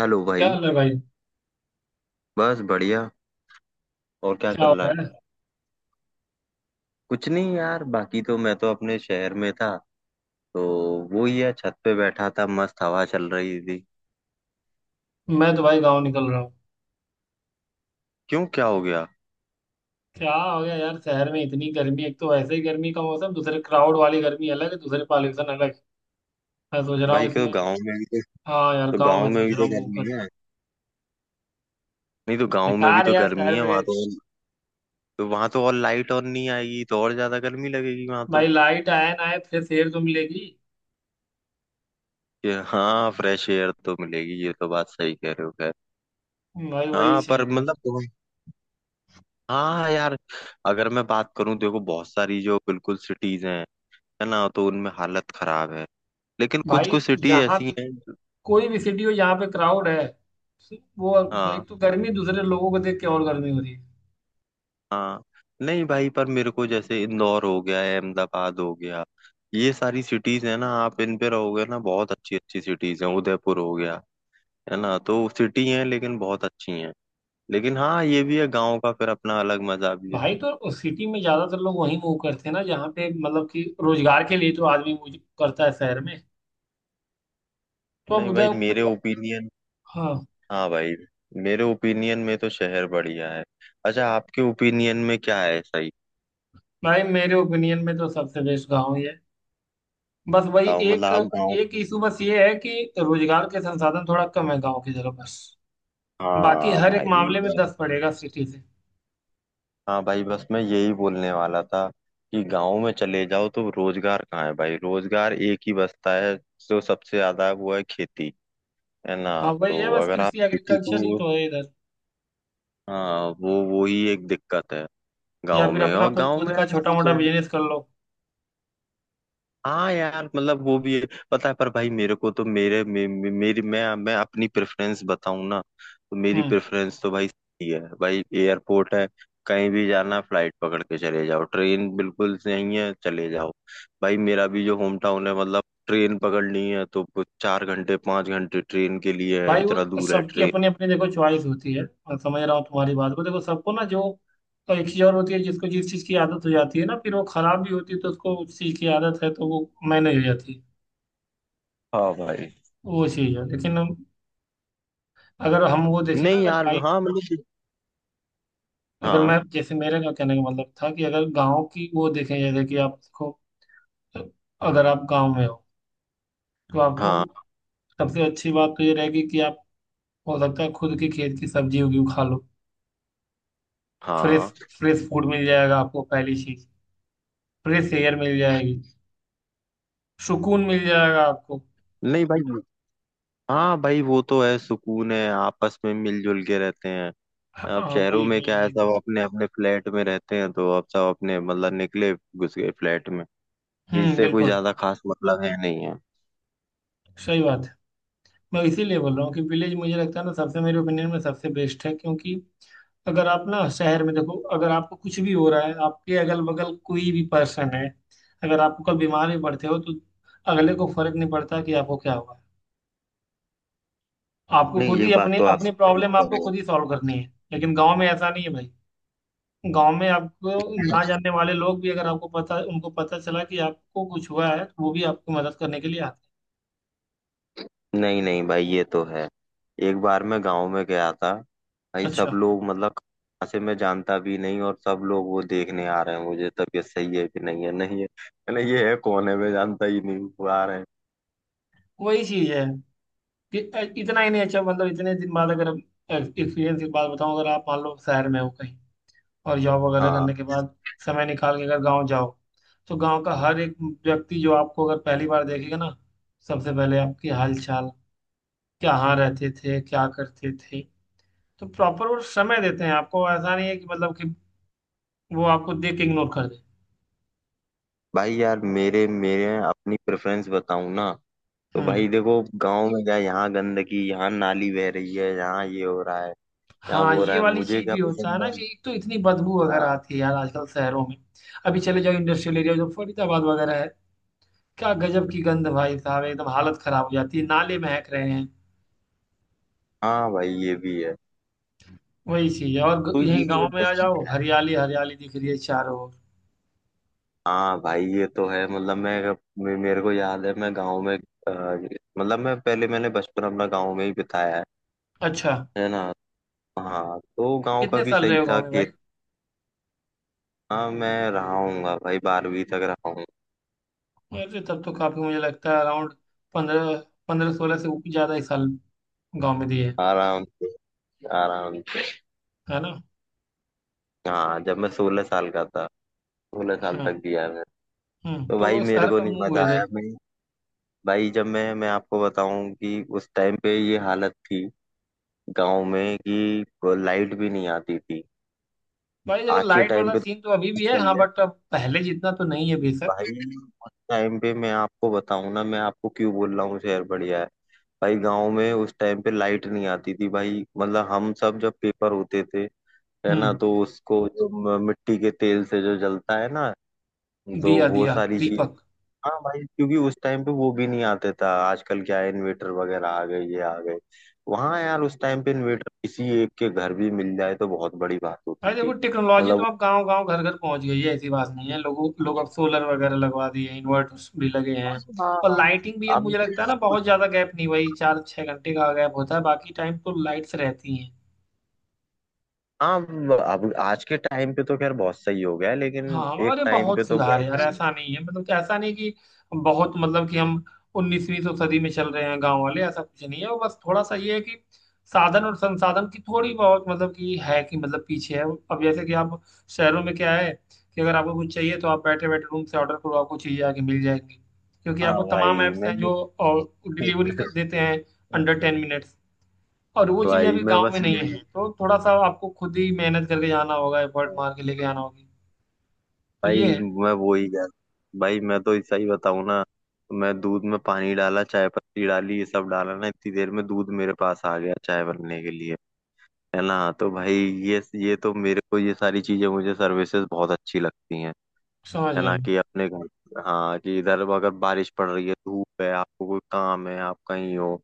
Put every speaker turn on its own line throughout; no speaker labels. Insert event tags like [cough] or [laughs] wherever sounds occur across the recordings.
Hello
क्या
भाई।
हाल है भाई।
बस बढ़िया। और क्या
क्या
चल
हो
रहा है?
रहा
कुछ नहीं यार, बाकी तो मैं तो अपने शहर में था, तो वो ही है, छत पे बैठा था, मस्त हवा चल रही थी।
है। मैं तो भाई गांव निकल रहा हूँ।
क्यों, क्या हो गया?
क्या हो गया यार, शहर में इतनी गर्मी, एक तो वैसे ही गर्मी का मौसम, दूसरे क्राउड वाली गर्मी अलग है, दूसरे पॉल्यूशन अलग है। मैं सोच रहा हूँ
भाई को
इसमें।
गांव में भी
हाँ यार,
तो
गांव
गांव
में
में
सोच
भी
रहा
तो
हूँ मूव
गर्मी
कर जाऊं।
है। नहीं, तो गांव में भी
बेकार है
तो
यार,
गर्मी
शहर
है
में
वहां,
गए।
तो वहां तो और लाइट ऑन नहीं आएगी, तो और ज्यादा गर्मी लगेगी वहां
भाई
तो।
लाइट आए ना आए, फ्रेश एयर तो मिलेगी।
ये, हाँ, फ्रेश एयर तो मिलेगी, ये तो बात सही कह रहे हो। खैर,
भाई वही
हाँ, पर
चाहिए यार।
मतलब, हाँ यार, अगर मैं बात करूं, देखो बहुत सारी जो बिल्कुल सिटीज हैं, है ना, तो उनमें हालत खराब है। लेकिन कुछ
भाई
कुछ सिटी
जहाँ
ऐसी
भी
हैं।
कोई भी सिटी हो जहाँ पे क्राउड है, वो एक
हाँ,
तो गर्मी, दूसरे लोगों को देख के और गर्मी हो रही है।
हाँ। नहीं भाई, पर मेरे को जैसे इंदौर हो गया है, अहमदाबाद हो गया, ये सारी सिटीज है ना, आप इन पे रहोगे ना, बहुत अच्छी अच्छी सिटीज हैं, उदयपुर हो गया, है ना, तो सिटी हैं लेकिन बहुत अच्छी हैं। लेकिन हाँ, ये भी है, गाँव का फिर अपना अलग मजा भी है।
भाई तो उस सिटी में ज्यादातर लोग वहीं मूव करते हैं ना, जहाँ पे मतलब कि रोजगार के लिए तो आदमी मूव करता है शहर में। तो अब
नहीं भाई,
उधर।
मेरे ओपिनियन,
हाँ
हाँ भाई, मेरे ओपिनियन में तो शहर बढ़िया है। अच्छा, आपके ओपिनियन में क्या है? सही
भाई, मेरे ओपिनियन में तो सबसे बेस्ट गाँव ही है। बस वही
बताओ, मतलब
एक,
आप गाँव।
एक इशू बस ये है कि रोजगार के संसाधन थोड़ा कम है गाँव की जगह, बस। बाकी
हाँ
हर एक
भाई।
मामले में दस पड़ेगा सिटी से।
हाँ भाई, बस मैं यही बोलने वाला था कि गांव में चले जाओ तो रोजगार कहाँ है? भाई, रोजगार एक ही बचता है, जो सबसे ज्यादा वो है खेती। है ना,
हाँ वही है
तो
बस,
अगर आप
कृषि
खेती
एग्रीकल्चर ही
को,
तो है इधर।
हाँ वो ही एक दिक्कत है
या
गांव
फिर
में।
अपना
और
कोई
गांव में
खुद
यार
का छोटा
ठीक
मोटा
है।
बिजनेस कर लो।
हाँ यार, मतलब वो भी है, पता है, पर भाई मेरे को तो मेरे मे, मे, मेरी मैं अपनी प्रेफरेंस बताऊं ना, तो मेरी
हम्म।
प्रेफरेंस तो भाई सही है भाई, एयरपोर्ट है, कहीं भी जाना है फ्लाइट पकड़ के चले जाओ, ट्रेन बिल्कुल नहीं है, चले जाओ। भाई मेरा भी जो होम टाउन है, मतलब ट्रेन पकड़नी है तो कुछ 4 घंटे 5 घंटे ट्रेन के लिए है,
भाई वो
इतना दूर है
सबकी
ट्रेन।
अपनी अपनी देखो चॉइस होती है। मैं समझ रहा हूँ तुम्हारी बात को, देखो सबको ना जो, तो एक चीज और होती है जिसको जिस चीज की आदत हो जाती है ना, फिर वो खराब भी होती है। तो उसको उस चीज की आदत है तो वो मैनेज हो जाती है।
हाँ भाई।
वो चीज है, लेकिन अगर हम वो देखें ना,
नहीं
अगर
यार,
भाई,
हाँ मतलब,
अगर मैं
हाँ,
जैसे, मेरे का कहने का मतलब था कि अगर गाँव की वो देखें, जैसे कि आप देखो, अगर आप गाँव में हो तो आपको
हाँ,
सबसे अच्छी बात तो ये रहेगी कि आप, हो सकता है खुद के खेत की सब्जी उगी हुई खा लो। फ्रेश
हाँ,
फ्रेश फूड मिल जाएगा आपको, पहली चीज। फ्रेश एयर मिल जाएगी। सुकून मिल जाएगा आपको।
नहीं भाई। हाँ भाई, वो तो है, सुकून है, आपस में मिलजुल के रहते हैं। अब
हाँ,
शहरों
वही
में
वही
क्या है,
वही।
सब अपने अपने फ्लैट में रहते हैं, तो अब सब अपने मतलब निकले घुस गए फ्लैट में। किसी
हम्म,
से कोई
बिल्कुल।
ज्यादा खास मतलब है नहीं है।
सही बात है। मैं इसीलिए बोल रहा हूँ कि विलेज मुझे लगता है ना, सबसे मेरे ओपिनियन में सबसे बेस्ट है, क्योंकि अगर आप ना शहर में देखो, अगर आपको कुछ भी हो रहा है, आपके अगल बगल कोई भी पर्सन है, अगर आपको कल बीमार भी पड़ते हो तो अगले को फर्क नहीं पड़ता कि आपको क्या हुआ है। आपको
नहीं,
खुद
ये
ही
बात
अपने
तो आप
अपनी
सही
प्रॉब्लम
कह
आपको
रहे हो।
खुद ही सॉल्व करनी है। लेकिन गाँव में ऐसा नहीं है भाई। गाँव में आपको ना जानने वाले लोग भी, अगर आपको पता, उनको पता चला कि आपको कुछ हुआ है, तो वो भी आपकी मदद करने के लिए आते हैं।
नहीं नहीं भाई, ये तो है। एक बार मैं गांव में गया था, भाई सब
अच्छा।
लोग, मतलब कहाँ से, मैं जानता भी नहीं, और सब लोग वो देखने आ रहे हैं मुझे, तबीयत सही है कि नहीं है नहीं है। मैंने ये है कौन है, मैं जानता ही नहीं हूँ, वो आ रहे हैं।
वही चीज है कि इतना ही नहीं, अच्छा मतलब इतने दिन बाद अगर एक्सपीरियंस की बात बताऊं, अगर आप मान लो शहर में हो कहीं और जॉब वगैरह करने
हाँ
के बाद समय निकाल के अगर गांव जाओ, तो गांव का हर एक व्यक्ति जो आपको अगर पहली बार देखेगा ना, सबसे पहले आपकी हाल चाल, कहाँ रहते थे, क्या करते थे, तो प्रॉपर वो समय देते हैं आपको। ऐसा नहीं है कि मतलब कि वो आपको देख के इग्नोर कर दे।
भाई यार, मेरे मेरे अपनी प्रेफरेंस बताऊं ना, तो
हम्म।
भाई देखो गांव में क्या, यहाँ गंदगी, यहाँ नाली बह रही है, यहाँ ये हो रहा है, यहाँ
हाँ,
वो हो रहा
ये
है,
वाली
मुझे
चीज
क्या
भी होता है
पसंद
ना
है
कि एक तो इतनी बदबू
ना।
वगैरह आती है यार आजकल शहरों में। अभी चले जाओ इंडस्ट्रियल एरिया, जो फरीदाबाद वगैरह है, क्या गजब की गंध भाई साहब, एकदम हालत खराब हो जाती है, नाले महक रहे हैं।
हाँ भाई, ये भी है।
वही चीज है। और
तो ये
यहीं
भी
गांव
एक
में आ जाओ, हरियाली हरियाली दिख रही है चारों ओर।
हाँ भाई ये तो है, मतलब मैं, मेरे को याद है, मैं गांव में, मतलब मैं पहले, मैंने बचपन अपना गांव में ही बिताया है
अच्छा,
है ना। हाँ तो गांव का
कितने
भी
साल
सही
रहे हो
था
गाँव में भाई?
खेत। हाँ मैं रहा हूँगा भाई, 12वीं तक रहा हूँ।
अरे तब तो काफी, मुझे लगता है अराउंड पंद्रह पंद्रह 16 से ऊपर ज्यादा ही साल गाँव में दिए।
आराम से, आराम से।
है ना?
हाँ जब मैं 16 साल का था, 16 साल
हाँ।
तक दिया है।
हम्म,
तो
तो
भाई
वो
मेरे
शहर
को
का
नहीं
मुंह हुए
मजा
थे।
आया। मैं भाई जब मैं आपको बताऊं कि उस टाइम पे ये हालत थी गांव में कि लाइट भी नहीं आती थी।
भाई देखो,
आज के
लाइट
टाइम
वाला
पे
सीन
तो
तो अभी भी है
सही
हाँ,
है
बट अब पहले जितना तो नहीं है बेशक।
भाई। उस टाइम पे मैं आपको बताऊं ना, मैं आपको क्यों बोल रहा हूँ शहर बढ़िया है, भाई गांव में उस टाइम पे लाइट नहीं आती थी, भाई मतलब हम सब जब पेपर होते थे, है ना,
हम्म।
तो उसको जो मिट्टी के तेल से जो जलता है ना, तो
दिया,
वो
दिया,
सारी चीज।
दीपक।
हाँ भाई, क्योंकि उस टाइम पे वो भी नहीं आते था, आजकल क्या है इन्वेटर वगैरह आ गए, ये आ गए। वहाँ यार उस टाइम पे इन्वेटर किसी एक के घर भी मिल जाए तो बहुत बड़ी बात होती
भाई देखो,
थी।
टेक्नोलॉजी तो
मतलब,
अब गांव गांव घर घर पहुंच गई है, ऐसी बात नहीं है, लोगों लोग अब सोलर वगैरह लगवा दिए हैं, इन्वर्टर्स भी लगे
हाँ
हैं। और लाइटिंग भी,
हाँ,
अब
अब,
मुझे लगता है ना, बहुत ज्यादा गैप नहीं भाई, 4-6 घंटे का गैप होता है, बाकी टाइम तो लाइट्स रहती हैं।
हाँ, अब आज के टाइम पे तो खैर बहुत सही हो गया है, लेकिन
हाँ,
एक
अरे
टाइम
बहुत
पे तो [laughs]
सुधार है यार,
बहुत।
ऐसा नहीं है मतलब कि, ऐसा नहीं कि बहुत, मतलब कि हम उन्नीसवीं सौ सदी में चल रहे हैं गांव वाले, ऐसा कुछ नहीं है। वो बस थोड़ा सा ये है कि साधन और संसाधन की थोड़ी बहुत मतलब कि है कि, मतलब पीछे है। अब जैसे कि आप, शहरों में क्या है कि अगर आपको कुछ चाहिए तो आप बैठे बैठे रूम से ऑर्डर करो, आपको चीजें आके मिल जाएंगी, क्योंकि
हाँ
आपको तमाम
भाई
ऐप्स हैं
मैं,
जो डिलीवरी
[laughs]
देते हैं अंडर 10 मिनट्स। और वो चीजें
भाई
अभी
मैं
गाँव
बस
में नहीं है, तो थोड़ा सा आपको खुद ही मेहनत करके जाना होगा, एफर्ट मार के
ये,
लेके आना होगी, तो ये
भाई
है।
मैं वो ही कह, भाई मैं तो सही बताऊं ना, तो मैं दूध में पानी डाला, चाय पत्ती डाली, ये सब डाला ना, इतनी देर में दूध मेरे पास आ गया चाय बनने के लिए। है ना, तो भाई ये तो मेरे को ये सारी चीजें, मुझे सर्विसेज बहुत अच्छी लगती हैं।
समझ
है
गए।
ना, कि अपने घर, हाँ, कि इधर अगर बारिश पड़ रही है, धूप है, आपको कोई काम है, आप कहीं हो,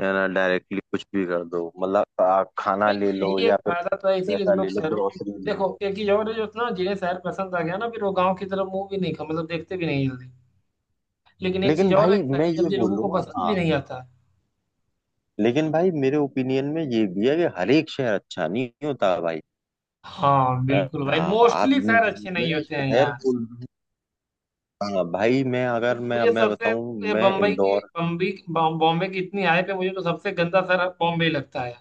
है ना, डायरेक्टली कुछ भी कर दो, मतलब आप खाना
भाई
ले लो,
यही एक
या फिर
फायदा तो है, इसीलिए तो
पैसा ले
लोग
लो,
शहरों को
ग्रोसरी ले लो।
देखो, एक चीज और है जो, ना जिन्हें शहर पसंद आ गया ना, फिर वो गांव की तरफ मुंह भी नहीं खा, मतलब देखते भी नहीं जल्दी। लेकिन एक चीज
लेकिन
और है,
भाई
शहर
मैं ये
जल्दी लोगों को
बोलूंगा,
पसंद भी
हाँ
नहीं आता।
लेकिन भाई, मेरे ओपिनियन में ये भी है कि हर एक शहर अच्छा नहीं होता भाई।
हाँ बिल्कुल भाई,
हाँ आप,
मोस्टली शहर अच्छे नहीं
मैं
होते हैं
शहर
यार।
बोल, हाँ भाई मैं
तो
अगर मैं
मुझे
मैं
सबसे,
बताऊं,
ये
मैं
बम्बई की,
इंदौर,
बम्बई बॉम्बे की, इतनी आय पे मुझे तो सबसे गंदा शहर बॉम्बे लगता है।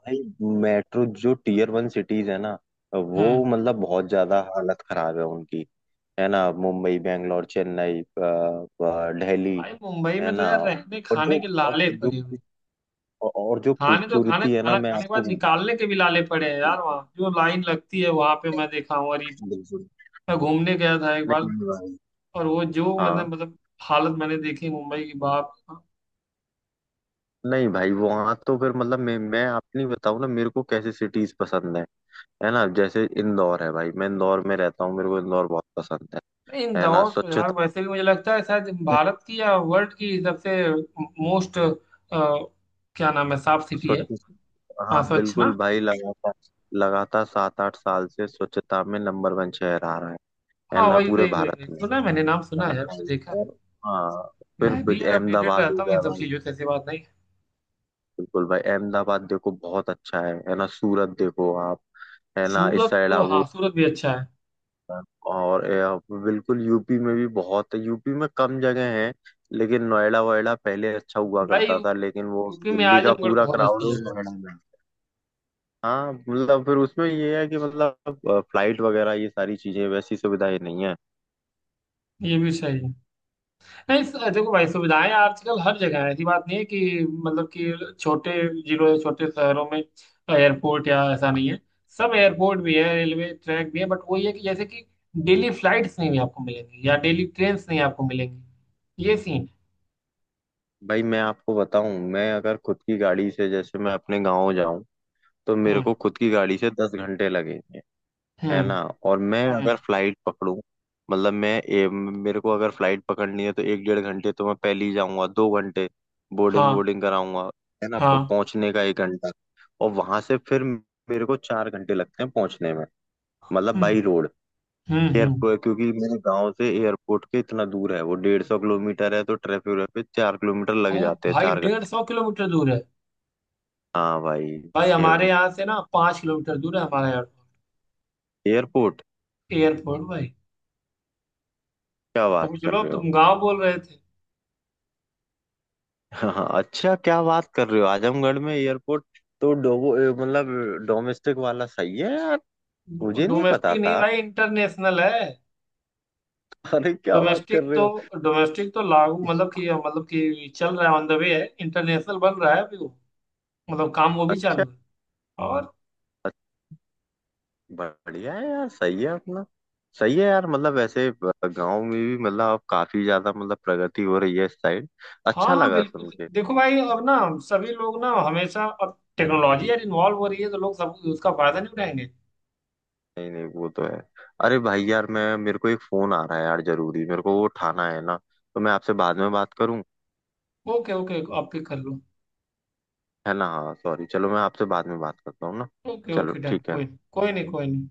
भाई, मेट्रो जो टीयर वन सिटीज है ना, वो
हम्म।
मतलब बहुत ज्यादा हालत खराब है उनकी। है ना, मुंबई, बैंगलोर, चेन्नई, दिल्ली।
भाई मुंबई
है
में तो
ना,
यार रहने
और जो,
खाने के
और
लाले
जो,
पड़े हुए हैं।
और जो
खाने तो, खाना
खूबसूरती है ना,
खाना
मैं
खाने के
आपको
बाद
[laughs]
निकालने के भी लाले पड़े हैं यार, वहाँ
बिल्कुल,
जो लाइन लगती है वहां पे, मैं देखा हूँ, अरे।
बिल्कुल।
मैं घूमने गया था एक बार,
नहीं भाई,
और वो जो मैंने,
हाँ,
मतलब हालत मैंने देखी मुंबई की, बाप रे बाप।
नहीं भाई वहां तो, फिर मतलब मैं अपनी बताऊं ना, मेरे को कैसे सिटीज पसंद है। है ना, जैसे इंदौर है भाई, मैं इंदौर में रहता हूँ, मेरे को इंदौर बहुत पसंद है
नहीं,
है ना,
इंदौर तो यार
स्वच्छता।
वैसे भी मुझे लगता है शायद भारत की या वर्ल्ड की सबसे मोस्ट, क्या नाम है, साफ सिटी है।
स्वच्छ,
हाँ,
हाँ
स्वच्छ
बिल्कुल
ना।
भाई, लगातार, लगातार 7 8 साल से स्वच्छता में नंबर वन शहर आ रहा है
हाँ,
ना,
वही
पूरे
वही वही वही
भारत में,
सुना है, मैंने नाम
है
सुना
ना
है यार, मैंने
भाई।
देखा है।
और, हाँ, फिर
मैं भी यार अपडेटेड
अहमदाबाद हो
रहता हूँ इन
गया
सब
भाई।
चीजों से, ऐसी बात नहीं है।
बिल्कुल भाई, अहमदाबाद देखो बहुत अच्छा है ना, सूरत देखो आप, है ना, इस
सूरत
साइड
तो,
आओ।
हाँ सूरत भी अच्छा है।
और बिल्कुल यूपी में भी बहुत, यूपी में कम जगह है, लेकिन नोएडा वोएडा पहले अच्छा हुआ
भाई
करता था, लेकिन वो
यूपी में
दिल्ली का
आजमगढ़
पूरा
बहुत
क्राउड
अच्छी
हो
जगह।
नोएडा में। हाँ मतलब फिर उसमें ये है कि मतलब फ्लाइट वगैरह ये सारी चीजें, वैसी सुविधाएं नहीं है।
है, ये भी सही है। नहीं देखो भाई, सुविधाएं आजकल हर जगह है, ऐसी बात नहीं है कि मतलब कि छोटे जिलों या छोटे शहरों में एयरपोर्ट या, ऐसा नहीं है। सब एयरपोर्ट भी है, रेलवे ट्रैक भी है, बट वही है कि जैसे कि डेली फ्लाइट्स नहीं भी आपको मिलेंगी, या डेली ट्रेन नहीं आपको मिलेंगी, ये सीन।
भाई मैं आपको बताऊं, मैं अगर खुद की गाड़ी से जैसे मैं अपने गांव जाऊं, तो मेरे
हम्म।
को खुद की गाड़ी से 10 घंटे लगेंगे, है
हम्म।
ना। और मैं
हम्म।
अगर फ्लाइट पकड़ूं, मतलब मैं, मेरे को अगर फ्लाइट पकड़नी है तो एक डेढ़ घंटे तो मैं पहले ही जाऊंगा, 2 घंटे बोर्डिंग
हाँ।
वोर्डिंग कराऊंगा, है ना,
हाँ।
पहुंचने का एक घंटा, और वहां से फिर मेरे को 4 घंटे लगते हैं पहुंचने में, मतलब
हम्म।
बाई रोड,
हम्म। हम्म।
एयरपोर्ट। क्योंकि मेरे गांव से एयरपोर्ट के इतना दूर है, वो 150 किलोमीटर है, तो ट्रैफिक पे 4 किलोमीटर लग
और
जाते हैं,
भाई
चार
डेढ़
घंटे
सौ किलोमीटर दूर है?
हाँ भाई,
भाई हमारे यहाँ से ना 5 किलोमीटर दूर है हमारा एयरपोर्ट।
एयरपोर्ट,
एयरपोर्ट भाई।
क्या
तुम
बात कर
चलो, अब
रहे हो!
तुम गांव बोल रहे थे।
हाँ हाँ, अच्छा क्या बात कर रहे हो, आजमगढ़ में एयरपोर्ट। तो मतलब डोमेस्टिक वाला सही है यार, मुझे नहीं पता
डोमेस्टिक नहीं
था।
भाई, इंटरनेशनल है।
[laughs] अरे क्या बात कर
डोमेस्टिक
रहे
तो,
हो!
डोमेस्टिक तो लागू, मतलब कि चल रहा है, ऑन द वे है, इंटरनेशनल बन रहा है अभी वो, मतलब काम वो भी
अच्छा,
चालू है। और
अच्छा, बढ़िया है यार, सही है अपना। सही है यार, मतलब ऐसे गांव में भी मतलब अब काफी ज्यादा मतलब प्रगति हो रही है इस साइड।
हाँ
अच्छा
हाँ
लगा
बिल्कुल,
सुन के।
देखो भाई, अब ना सभी लोग ना, हमेशा अब टेक्नोलॉजी यार इन्वॉल्व हो रही है, तो लोग सब उसका फायदा नहीं उठाएंगे।
नहीं नहीं, वो तो है। अरे भाई यार, मैं, मेरे को एक फोन आ रहा है यार जरूरी, मेरे को वो उठाना है ना, तो मैं आपसे बाद में बात करूं,
ओके ओके, आप पिक कर लो।
है ना, हाँ सॉरी, चलो मैं आपसे बाद में बात करता हूँ ना।
ओके
चलो
ओके डन,
ठीक है।
कोई, कोई नहीं, कोई नहीं।